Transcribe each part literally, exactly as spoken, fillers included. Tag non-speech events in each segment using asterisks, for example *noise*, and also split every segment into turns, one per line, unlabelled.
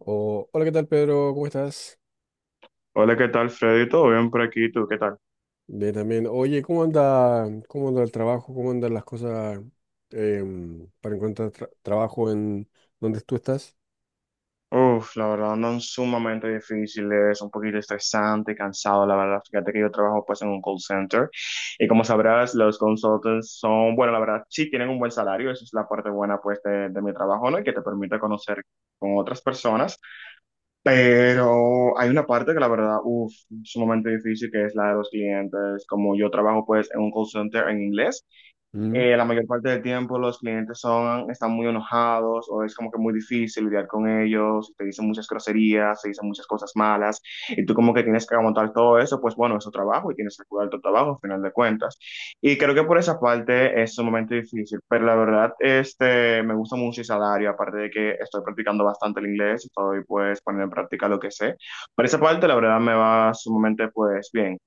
Oh, hola, ¿qué tal, Pedro? ¿Cómo estás?
Hola, ¿qué tal, Freddy? ¿Todo bien por aquí? ¿Tú qué tal?
Bien, también. Oye, ¿cómo anda, cómo anda el trabajo? ¿Cómo andan las cosas em, para encontrar tra- trabajo en donde tú estás?
Uf, la verdad andan sumamente difíciles, un poquito estresante, cansado, la verdad. Fíjate que yo trabajo pues en un call center y como sabrás, los consultants son, bueno, la verdad, sí tienen un buen salario, esa es la parte buena pues de, de mi trabajo, ¿no? Y que te permite conocer con otras personas, pero hay una parte que la verdad, uf, sumamente difícil, que es la de los clientes. Como yo trabajo pues en un call center en inglés.
Mm.
Eh, la mayor parte del tiempo los clientes son, están muy enojados o es como que muy difícil lidiar con ellos, te dicen muchas groserías, te dicen muchas cosas malas y tú como que tienes que aguantar todo eso, pues bueno, es tu trabajo y tienes que cuidar tu trabajo al final de cuentas. Y creo que por esa parte es un momento difícil, pero la verdad este, me gusta mucho el salario, aparte de que estoy practicando bastante el inglés, estoy pues poniendo en práctica lo que sé. Por esa parte la verdad me va sumamente pues bien.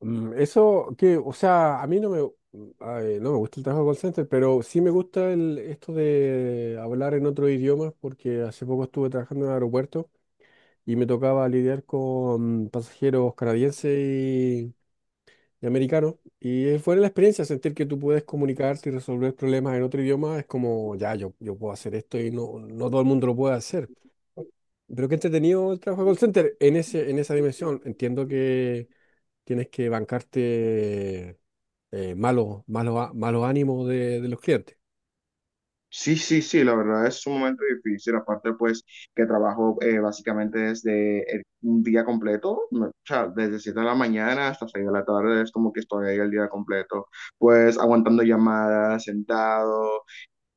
Mm, eso que, o sea, a mí no me, mm, ay, no me gusta el trabajo de call center, pero sí me gusta el, esto de hablar en otro idioma, porque hace poco estuve trabajando en el aeropuerto y me tocaba lidiar con pasajeros canadienses de americano. Y es buena la experiencia, sentir que tú puedes comunicarte y resolver problemas en otro idioma. Es como, ya, yo, yo puedo hacer esto y no, no todo el mundo lo puede hacer. Pero qué entretenido el trabajo de call center en ese, en esa dimensión. Entiendo que tienes que bancarte eh, malos, malos, á- malos ánimos de, de los clientes.
Sí, sí, sí, la verdad es un momento difícil, aparte pues que trabajo eh, básicamente desde el- un día completo, no, o sea, desde siete de la mañana hasta seis de la tarde es como que estoy ahí el día completo, pues aguantando llamadas, sentado,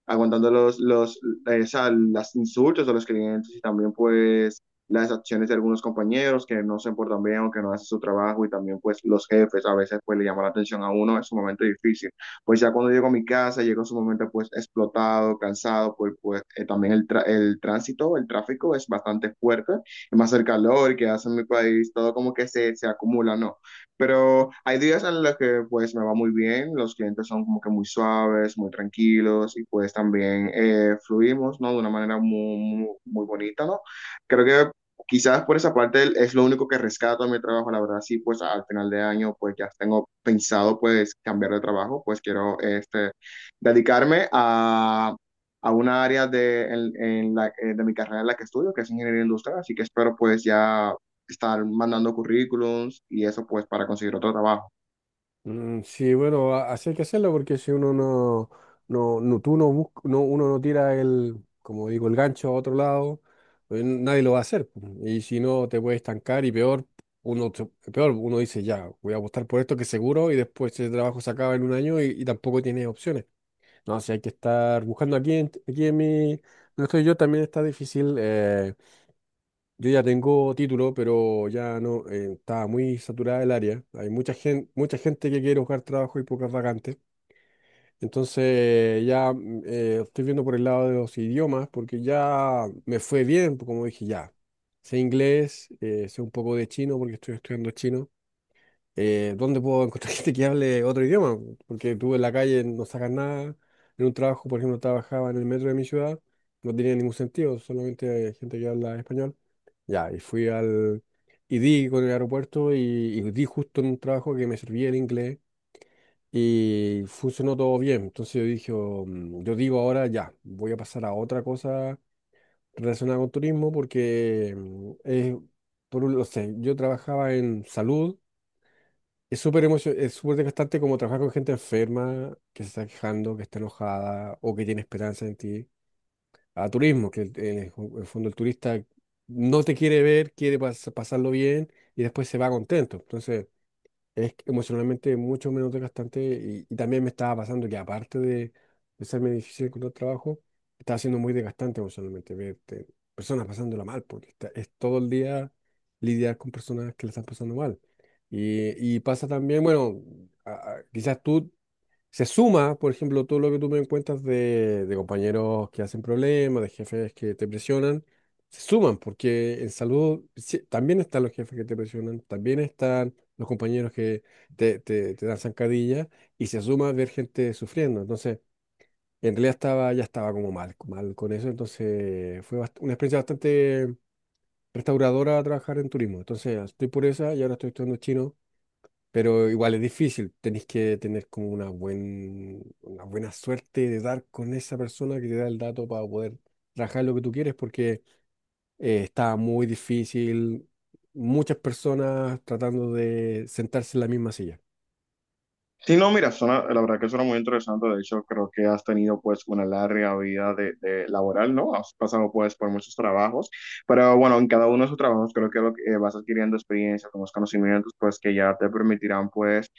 aguantando los, los, esa, las insultos de los clientes y también pues las acciones de algunos compañeros que no se portan bien o que no hacen su trabajo y también pues los jefes a veces pues le llaman la atención a uno, es un momento difícil. Pues ya cuando llego a mi casa, llego su momento pues explotado, cansado, pues, pues eh, también el, tra- el tránsito, el tráfico es bastante fuerte, más el calor que hace en mi país, todo como que se, se acumula, ¿no? Pero hay días en los que pues me va muy bien, los clientes son como que muy suaves, muy tranquilos y pues también eh, fluimos, ¿no? De una manera muy, muy, muy bonita, ¿no? Creo que quizás por esa parte es lo único que rescato de mi trabajo, la verdad, sí, pues al final de año pues ya tengo pensado pues cambiar de trabajo, pues quiero este, dedicarme a, a una área de, en, en la, eh, de mi carrera en la que estudio, que es ingeniería industrial, así que espero pues ya estar mandando currículums y eso pues para conseguir otro trabajo.
Mm. Sí, bueno, a- así hay que hacerlo porque si uno no, no, no- tú no busca, no, uno no tira el, como digo, el gancho a otro lado, pues n- nadie lo va a hacer, pues. Y si no, te puedes estancar y peor, uno, se- peor, uno dice, ya, voy a apostar por esto que seguro y después ese trabajo se acaba en un año y, y tampoco tienes opciones. No, si hay que estar buscando aquí en, aquí en mi, no estoy yo, también está difícil. Eh, yo ya tengo título, pero ya no, eh, estaba muy saturada el área. Hay mucha gente, mucha gente que quiere buscar trabajo y pocas vacantes. Entonces ya mm, eh, estoy viendo por el lado de los idiomas, porque ya me fue bien, pues, como dije, ya. Sé inglés, eh, sé un poco de chino, porque estoy estudiando chino. Eh, ¿dónde puedo encontrar *laughs* gente que hable otro idioma? Porque tú en la calle no sacas nada. En un trabajo, por ejemplo, trabajaba en el metro de mi ciudad, no tenía ningún sentido, solamente hay gente que habla español. Ya, y fui al... Y di con el aeropuerto y, y di justo en un trabajo que me servía el inglés y funcionó todo bien. Entonces yo dije, "Oh, mm, yo digo ahora ya, voy a pasar a otra cosa relacionada con turismo porque mm, es, por un, no sé, yo trabajaba en salud. Es súper emocio- es súper desgastante, como trabajar con gente enferma que se está quejando, que está enojada o que tiene esperanza en ti, a turismo, que el, eh, en el fondo el turista no te quiere ver, quiere pas- pasarlo bien y después se va contento. Entonces, es emocionalmente mucho menos desgastante y, y también me estaba pasando que aparte de, de serme difícil encontrar trabajo, estaba siendo muy desgastante emocionalmente ver te- personas pasándola mal, porque está- es todo el día lidiar con personas que la están pasando mal. Y, y pasa también, bueno, a- a- quizás tú se suma, por ejemplo, todo lo que tú me cuentas de, de compañeros que hacen problemas, de jefes que te presionan, se suman, porque en salud sí, también están los jefes que te presionan, también están los compañeros que te, te, te dan zancadilla, y se suma ver gente sufriendo. Entonces, en realidad estaba, ya estaba como mal, mal con eso, entonces fue bast- una experiencia bastante restauradora trabajar en turismo. Entonces, estoy por esa y ahora estoy estudiando chino, pero igual es difícil, tenés que tener como una, buen, una buena suerte de dar con esa persona que te da el dato para poder trabajar lo que tú quieres, porque eh, está muy difícil, muchas personas tratando de sentarse en la misma silla.
Sí, no, mira, suena- la verdad que suena muy interesante. De hecho, creo que has tenido pues una larga vida de, de laboral, ¿no? Has pasado pues por muchos trabajos, pero bueno, en cada uno de esos trabajos creo que, lo que, eh, vas adquiriendo experiencia, unos conocimientos pues que ya te permitirán pues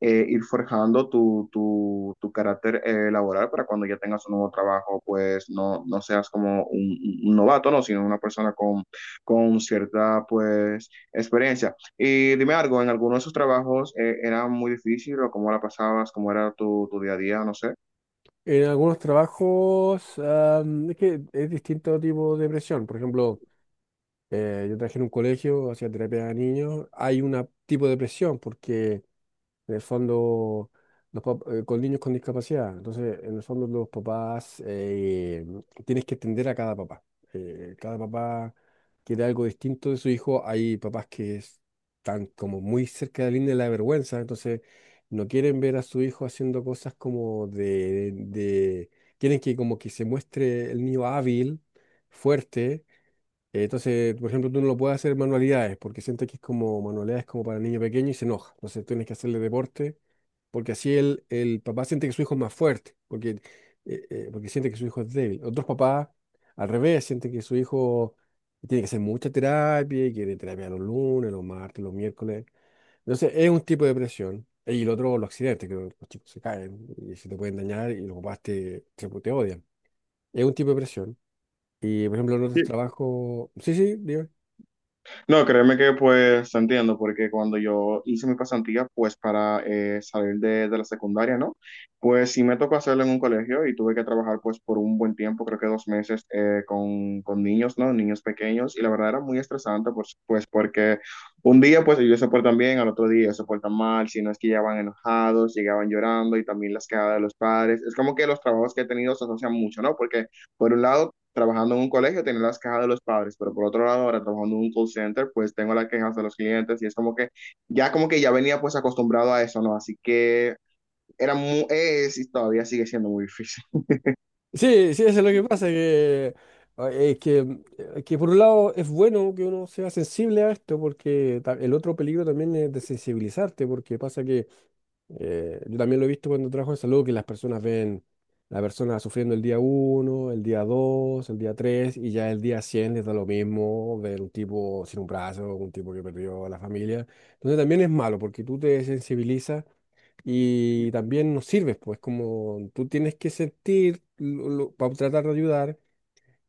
eh, ir forjando tu, tu, tu carácter eh, laboral para cuando ya tengas un nuevo trabajo pues no, no seas como un- un novato, ¿no? Sino una persona con, con cierta pues experiencia. Y dime algo, ¿en alguno de esos trabajos eh, era muy difícil o cómo la pasabas, cómo era tu, tu día a día, no sé?
En algunos trabajos am, es que es distinto tipo de presión. Por ejemplo, eh, yo trabajé en un colegio, hacía terapia a niños, hay un tipo de presión porque en el fondo, los pap- eh, con niños con discapacidad. Entonces, en el fondo, los papás, eh, tienes que entender a cada papá. Eh, cada papá quiere algo distinto de su hijo. Hay papás que es- están como muy cerca de la línea de la vergüenza, entonces no quieren ver a su hijo haciendo cosas como de, de- quieren que como que se muestre el niño hábil, fuerte. Eh, Entonces, por ejemplo, tú no lo puedes hacer manualidades porque sientes que es como manualidades como para niño pequeño y se enoja. Entonces tienes que hacerle deporte porque así el, el papá siente que su hijo es más fuerte, porque, eh, eh, porque siente que su hijo es débil. Otros papás, al revés, sienten que su hijo tiene que hacer mucha terapia y quiere terapia los lunes, los martes, los miércoles. Entonces, es un tipo de presión. Y el otro, los accidentes, que los chicos se caen y se te pueden dañar y los papás te, te, te odian. Es un tipo de presión. Y por ejemplo, en otros trabajos. Sí, sí, digo.
No, créeme que pues te entiendo, porque cuando yo hice mi pasantía, pues para eh, salir de, de la secundaria, ¿no? Pues sí me tocó hacerlo en un colegio y tuve que trabajar pues por un buen tiempo, creo que dos meses, eh, con, con niños, ¿no? Niños pequeños, y la verdad era muy estresante, pues, pues porque un día pues ellos se portan bien, al otro día se portan mal, si no es que llegaban enojados, llegaban llorando y también las quedadas de los padres. Es como que los trabajos que he tenido se asocian mucho, ¿no? Porque por un lado trabajando en un colegio tener las quejas de los padres, pero por otro lado, ahora trabajando en un call center, pues tengo las quejas de los clientes y es como que ya como que ya venía pues acostumbrado a eso, ¿no? Así que era muy, es y todavía sigue siendo muy difícil.
Sí, sí, eso es lo que pasa, que, ah, es que, mm, eh, que por un lado es bueno que uno sea sensible a esto, porque ta- el otro peligro también es desensibilizarte, porque pasa que eh, yo también lo he visto cuando trabajo en salud, que las personas ven la persona sufriendo el día uno, el día dos, el día tres y ya el día cien les da lo mismo ver un tipo sin un brazo, un tipo que perdió a la familia. Entonces también es malo, porque tú te desensibilizas y también nos sirves, pues como tú tienes que sentir para tratar de ayudar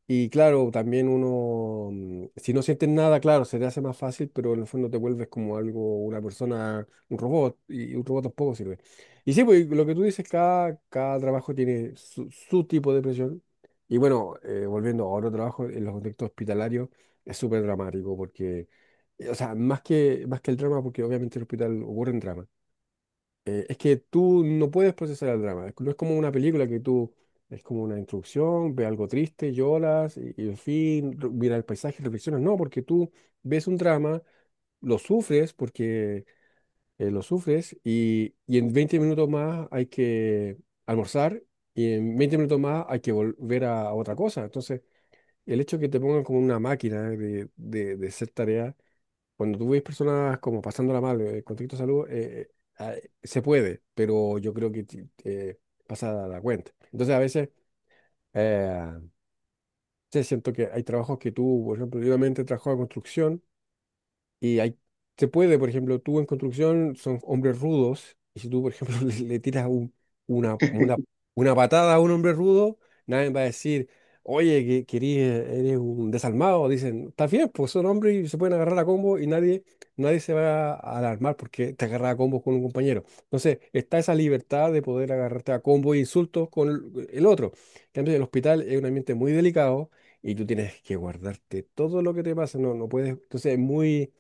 y claro, también uno, mm, si no sientes nada, claro, se te hace más fácil, pero en el fondo te vuelves como algo, una persona, un robot y un robot tampoco sirve. Y sí, pues lo que tú dices, cada, cada trabajo tiene su, su tipo de presión y bueno, eh, volviendo a otro trabajo, en los contextos hospitalarios es súper dramático porque... eh, O sea, más que, más que el drama, porque obviamente en el hospital ocurren dramas, eh, es que tú no puedes procesar el drama. es- No es como una película que tú, es como una introducción, ve algo triste, lloras y, y en fin, re- mira el paisaje y reflexionas. No, porque tú ves un drama, lo sufres porque eh, lo sufres y, y en veinte minutos más hay que almorzar y en veinte minutos más hay que volver a otra cosa. Entonces, el hecho de que te pongan como una máquina de, de, de hacer tareas cuando tú ves personas como pasándola mal, eh, con conflicto de salud, eh, eh, ah, se puede, pero yo creo que ti- eh, pasa la cuenta. Entonces, a veces, eh, sí, siento que hay trabajos que tú, por ejemplo, yo también trabajaba en construcción y hay, se puede, por ejemplo, tú en construcción son hombres rudos, y si tú, por ejemplo, *laughs* le, le tiras un- una, una, una patada a un hombre rudo, nadie va a decir, oye, que, querís, eh, eres un desalmado. Dicen, está bien, pues son hombres y se pueden agarrar a combo y nadie, nadie se va a alarmar porque te agarras a combo con un compañero. Entonces, está esa libertad de poder agarrarte a combo e insultos con el, el otro. En cambio, el hospital es un ambiente muy delicado y tú tienes que guardarte todo lo que te pasa. No, no puedes. Entonces, es muy,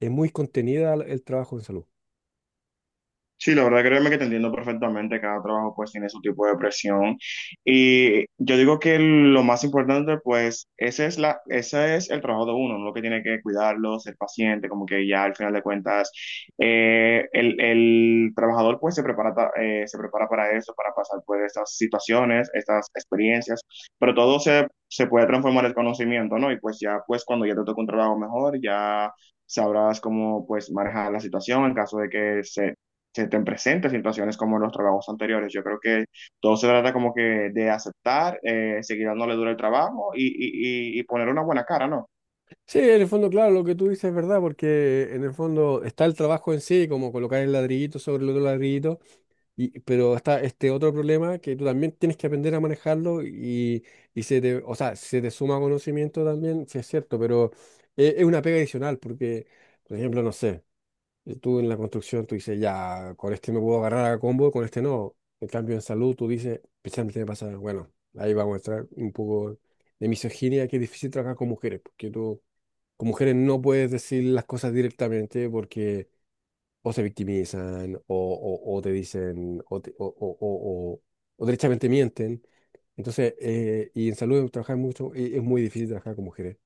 es muy contenida el trabajo en salud.
Sí, la verdad, créeme que te entiendo perfectamente, cada trabajo pues tiene su tipo de presión y yo digo que lo más importante pues ese es la, ese es el trabajo de uno, lo que tiene que cuidarlo, ser paciente, como que ya al final de cuentas eh, el, el trabajador pues se prepara, ta- eh, se prepara para eso, para pasar pues estas situaciones, estas experiencias, pero todo se, se puede transformar en conocimiento, ¿no? Y pues ya pues cuando ya te toca un trabajo mejor, ya... Sabrás cómo pues manejar la situación en caso de que se, se te presenten situaciones como en los trabajos anteriores. Yo creo que todo se trata como que de aceptar, eh, seguir dándole duro el trabajo y, y, y y poner una buena cara, ¿no?
Sí, en el fondo, claro, lo que tú dices es verdad, porque en el fondo está el trabajo en sí, como colocar el ladrillito sobre el otro ladrillito, y, pero está este otro problema que tú también tienes que aprender a manejarlo y, y se te, o sea, se te suma conocimiento también, sí es cierto, pero es, es una pega adicional, porque, por ejemplo, no sé. Y tú en la construcción, tú dices, ya, con este me puedo agarrar a combo, con este no. En cambio, en salud, tú dices, especialmente me pasa, bueno, ahí vamos a entrar un poco de misoginia, que es difícil trabajar con mujeres, porque tú con mujeres no puedes decir las cosas directamente porque o se victimizan o, o, o te dicen o, te- o, o, o, o- o derechamente mienten. Entonces, eh, y en salud trabajar mucho, y es muy difícil trabajar con mujeres.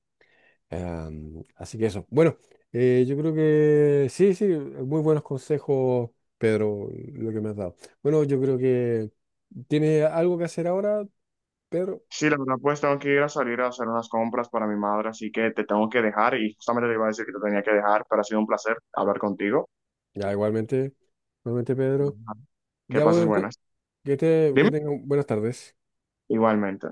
Em, así que eso. Bueno, eh, yo creo que sí, sí, muy buenos consejos, Pedro, lo que me has dado. Bueno, yo creo que tiene algo que hacer ahora, Pedro.
Sí, la verdad, pues tengo que ir a salir a hacer unas compras para mi madre, así que te tengo que dejar y justamente te iba a decir que te tenía que dejar, pero ha sido un placer hablar contigo.
Ya, igualmente, igualmente,
Ujú.
Pedro.
Que
Ya, bueno,
pases
ento-
buenas.
que, te, que
Dime.
tengan buenas tardes.
Igualmente.